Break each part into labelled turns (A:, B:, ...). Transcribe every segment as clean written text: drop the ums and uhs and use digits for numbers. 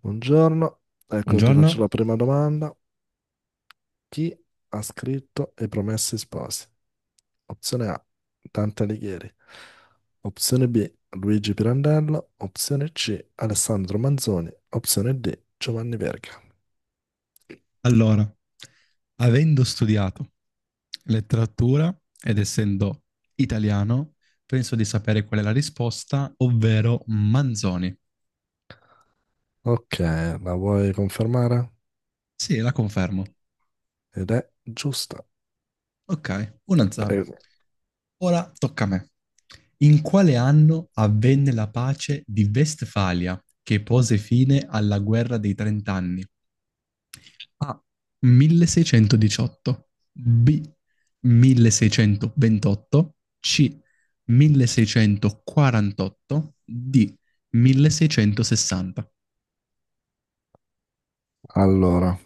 A: Buongiorno, ecco ti faccio
B: Buongiorno.
A: la prima domanda. Chi ha scritto I Promessi Sposi? Opzione A, Dante Alighieri. Opzione B, Luigi Pirandello. Opzione C, Alessandro Manzoni. Opzione D, Giovanni Verga.
B: Allora, avendo studiato letteratura ed essendo italiano, penso di sapere qual è la risposta, ovvero Manzoni.
A: Ok, la vuoi confermare?
B: Sì, la confermo.
A: Ed è giusta.
B: Ok, 1-0.
A: Prego.
B: Ora tocca a me. In quale anno avvenne la pace di Vestfalia che pose fine alla guerra dei trent'anni? A. 1618. B. 1628. C. 1648. D. 1660.
A: Allora,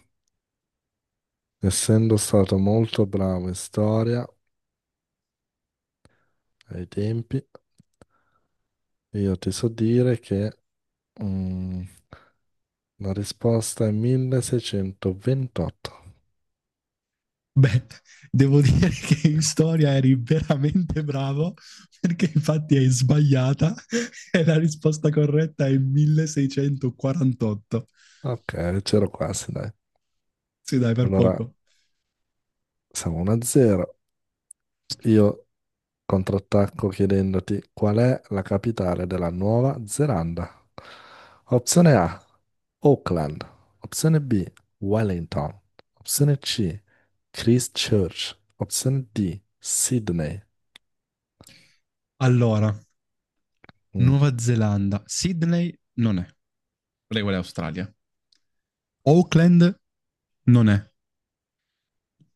A: essendo stato molto bravo in storia ai tempi, io ti so dire che mm, la risposta è 1628.
B: Beh, devo dire che in storia eri veramente bravo perché infatti hai sbagliata e la risposta corretta è 1648.
A: Ok, c'ero quasi, dai.
B: Sì, dai, per
A: Allora,
B: poco.
A: siamo 1-0. Io contrattacco chiedendoti qual è la capitale della Nuova Zelanda. Opzione A, Auckland. Opzione B, Wellington. Opzione C, Christchurch. Opzione D, Sydney.
B: Allora,
A: Mm.
B: Nuova Zelanda, Sydney non è. Lei vuole Australia. Oakland non è.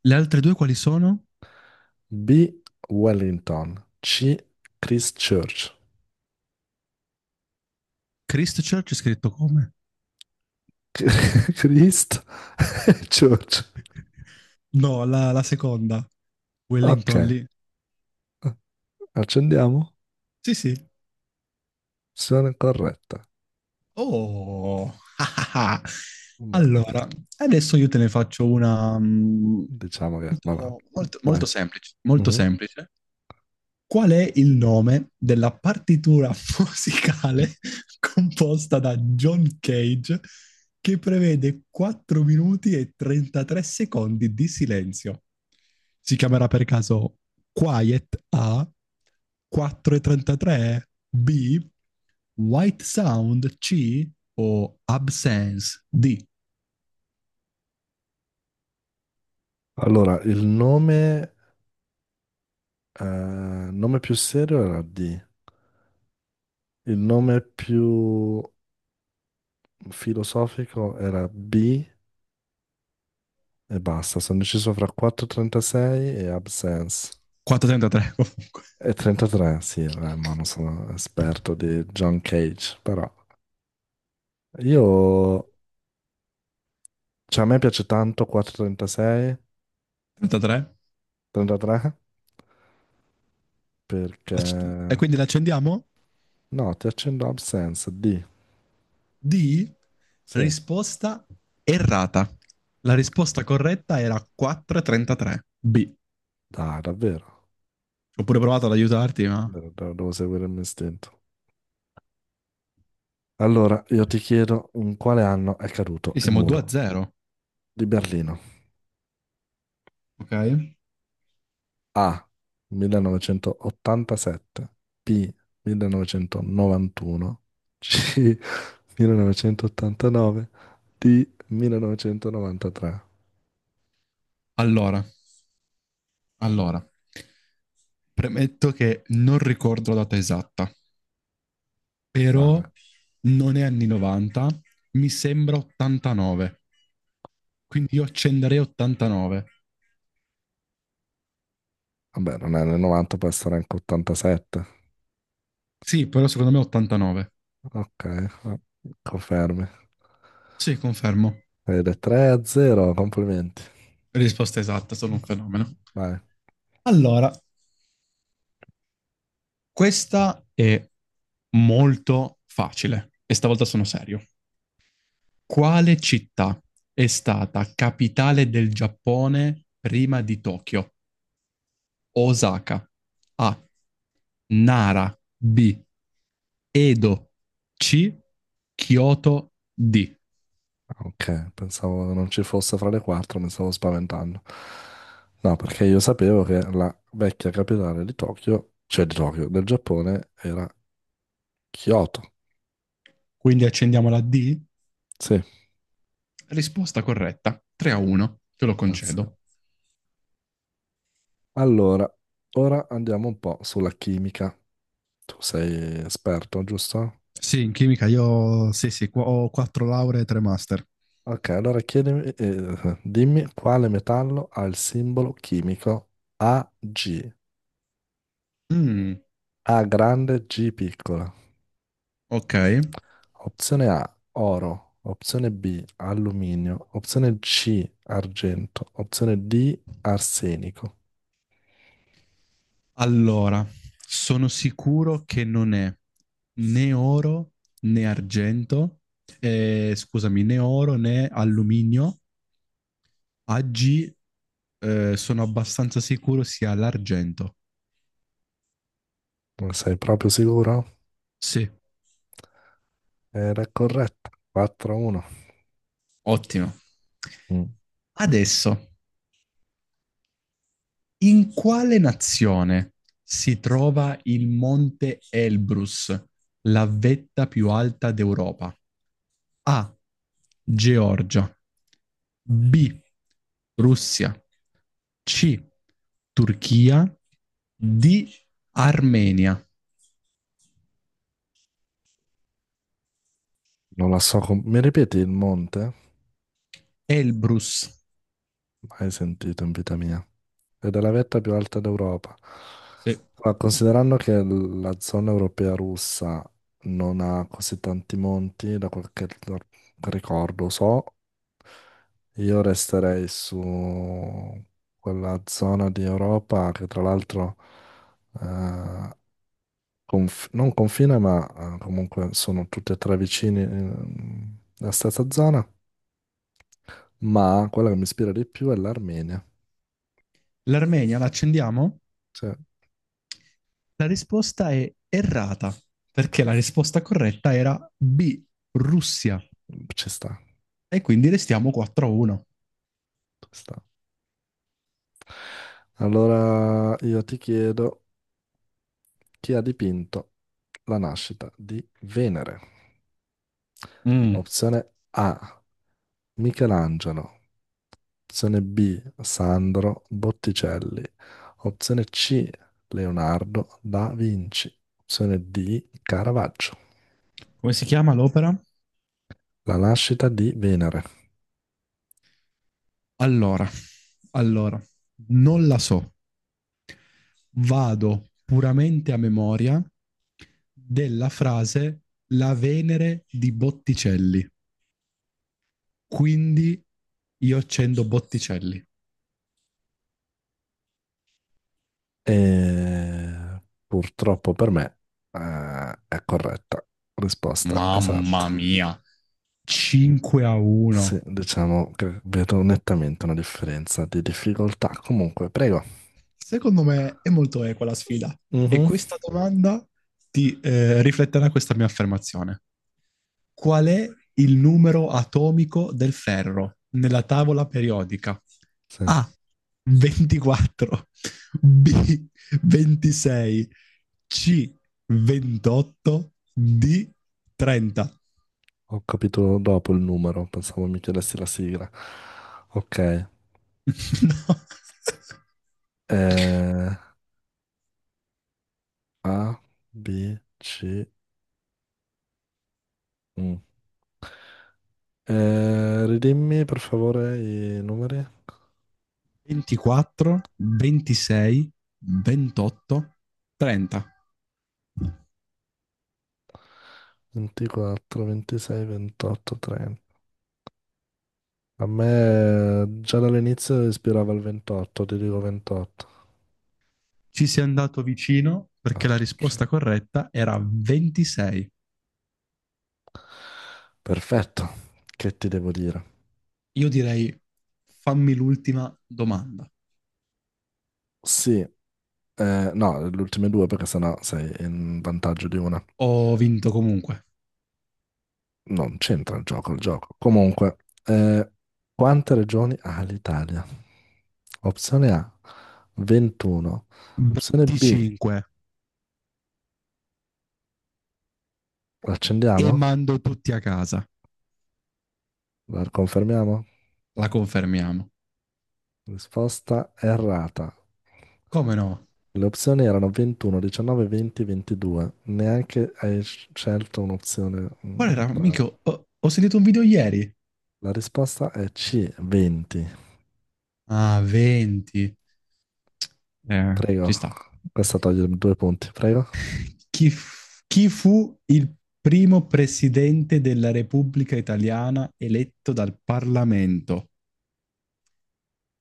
B: Le altre due quali sono?
A: B, Wellington. C, Christchurch.
B: Christchurch è scritto come?
A: Christ Church.
B: No, la seconda.
A: Ok,
B: Wellington lì.
A: accendiamo.
B: Sì, sì.
A: Opzione corretta.
B: Oh, ah, ah, ah.
A: Ma
B: Allora, adesso io te ne faccio una
A: diciamo che, vabbè,
B: molto
A: vai.
B: semplice, molto
A: Mhm.
B: semplice. Qual è il nome della partitura musicale composta da John Cage che prevede 4 minuti e 33 secondi di silenzio? Si chiamerà per caso Quiet A, 4.33 B, White Sound C o Absence D?
A: Allora, il nome, nome più serio era D, il nome più filosofico era B e basta. Sono deciso fra 4.36 e Absence.
B: 4.33 comunque.
A: E 33, sì, vabbè, ma non sono esperto di John Cage, però io, cioè a me piace tanto 4.36,
B: 33?
A: 33, perché.
B: E quindi l'accendiamo?
A: No, ti accendo Absence, D,
B: D.
A: sì,
B: Risposta errata. La
A: porco.
B: risposta corretta era 4,33. B.
A: Dai, davvero,
B: Ho pure provato ad aiutarti, ma...
A: devo devo seguire il mio istinto. Allora, io ti chiedo in quale anno è caduto
B: Quindi
A: il
B: siamo 2 a
A: muro
B: 0.
A: di Berlino?
B: Ok.
A: A. 1987, B. 1991, C. 1989, D. 1993.
B: Allora, allora. Premetto che non ricordo la data esatta, però
A: Male.
B: non è anni 90, mi sembra 89. Quindi io accenderei 89.
A: Vabbè, non è nel 90, può essere anche 87.
B: Sì, però secondo me 89.
A: Ok, confermi.
B: Sì, confermo.
A: Ed è 3 a 0, complimenti.
B: Risposta esatta, sono un fenomeno.
A: Vai.
B: Allora, questa è molto facile e stavolta sono serio. Quale città è stata capitale del Giappone prima di Tokyo? Osaka. A. Nara. B. Edo. C. Kyoto. D.
A: Ok, pensavo non ci fosse fra le quattro, mi stavo spaventando. No, perché io sapevo che la vecchia capitale di Tokyo, cioè di Tokyo, del Giappone, era Kyoto.
B: Quindi accendiamo la D?
A: Sì,
B: Risposta corretta. 3 a 1. Te lo
A: grazie.
B: concedo.
A: Allora, ora andiamo un po' sulla chimica. Tu sei esperto, giusto?
B: Sì, in chimica io sì, sì, ho quattro lauree e tre master.
A: Ok, allora dimmi quale metallo ha il simbolo chimico AG,
B: Mm,
A: A grande, G piccola.
B: ok.
A: Opzione A, oro. Opzione B, alluminio. Opzione C, argento. Opzione D, arsenico.
B: Allora, sono sicuro che non è né oro né argento, scusami, né oro né alluminio. Oggi sono abbastanza sicuro sia l'argento.
A: Non sei proprio sicuro?
B: Sì,
A: Era corretta. 4-1.
B: ottimo.
A: Mm,
B: Adesso, in quale nazione si trova il Monte Elbrus, la vetta più alta d'Europa? A. Georgia. B. Russia. C. Turchia. D. Armenia.
A: Non la so. Mi ripeti il monte?
B: Elbrus.
A: Mai sentito in vita mia. Ed è la vetta più alta d'Europa.
B: Sì.
A: Ma considerando che la zona europea russa non ha così tanti monti, da quel che ricordo so, io resterei su quella zona di Europa che tra l'altro eh, non confina, ma comunque sono tutti e tre vicini alla stessa zona, ma quella che mi ispira di più è l'Armenia.
B: L'Armenia la accendiamo?
A: Sì.
B: La risposta è errata, perché la risposta corretta era B. Russia.
A: Ci sta,
B: E quindi restiamo 4 a 1.
A: ci sta. Allora io ti chiedo chi ha dipinto la nascita di Venere?
B: Mm.
A: Opzione A, Michelangelo. Opzione B, Sandro Botticelli. Opzione C, Leonardo da Vinci. Opzione D, Caravaggio.
B: Come si chiama l'opera?
A: La nascita di Venere.
B: Allora, allora, non la so, vado puramente a memoria della frase la Venere di Botticelli. Quindi io accendo Botticelli.
A: E purtroppo per me eh, è corretta. Risposta
B: Mamma
A: esatta.
B: mia, 5 a 1.
A: Sì, diciamo che vedo nettamente una differenza di difficoltà. Comunque, prego.
B: Secondo me è molto equa la sfida. E
A: Mhm.
B: questa domanda ti rifletterà questa mia affermazione. Qual è il numero atomico del ferro nella tavola periodica?
A: Sì, ho
B: A. 24, B. 26, C. 28, D. 30.
A: capito dopo il numero, pensavo mi chiedessi la sigla. Ok.
B: No.
A: eh, A, B, C, U. Ridimmi per favore i numeri.
B: 24, 26, 28, 30.
A: 24, 26, 28, 30. A me già dall'inizio ispirava il 28, ti dico 28.
B: Ci sei andato vicino perché
A: Ah,
B: la
A: sì.
B: risposta corretta era 26.
A: Perfetto, che ti devo dire?
B: Io direi fammi l'ultima domanda.
A: Sì, no, le ultime due perché sennò sei in vantaggio di una.
B: Ho vinto comunque
A: Non c'entra il gioco, il gioco. Comunque, eh, quante regioni ha l'Italia? Opzione A, 21. Opzione B,
B: 25 e
A: l'accendiamo?
B: mando tutti a casa.
A: La confermiamo?
B: La confermiamo.
A: Risposta errata.
B: Come no?
A: Le opzioni erano 21, 19, 20, 22. Neanche hai scelto un'opzione
B: Qual era?
A: tra.
B: Minchia, ho sentito un video ieri.
A: La risposta è C, 20.
B: Ah, 20.
A: Prego,
B: Ci sta.
A: questa toglie due punti, prego.
B: Chi fu il primo presidente della Repubblica Italiana eletto dal Parlamento?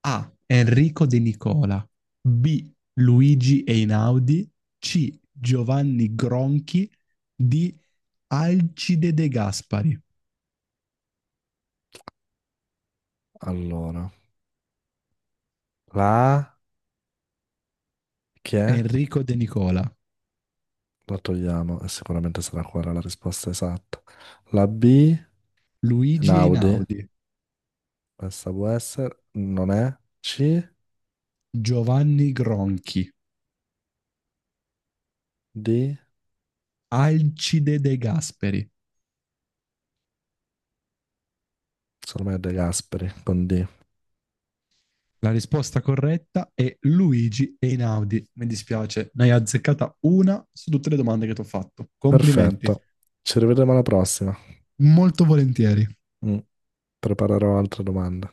B: A. Enrico De Nicola. B. Luigi Einaudi. C. Giovanni Gronchi. D. Alcide De Gaspari.
A: Allora, la A che è?
B: Enrico De Nicola.
A: La togliamo e sicuramente sarà quella la risposta esatta. La B,
B: Luigi
A: Naudi,
B: Einaudi.
A: questa può essere, non è. C,
B: Giovanni Gronchi.
A: D,
B: Alcide De Gasperi.
A: secondo me è De Gasperi con D.
B: La risposta corretta è Luigi Einaudi. Mi dispiace, ne hai azzeccata una su tutte le domande che ti ho fatto. Complimenti.
A: Perfetto, ci rivedremo alla prossima.
B: Molto volentieri.
A: Mm, Preparerò altre domande.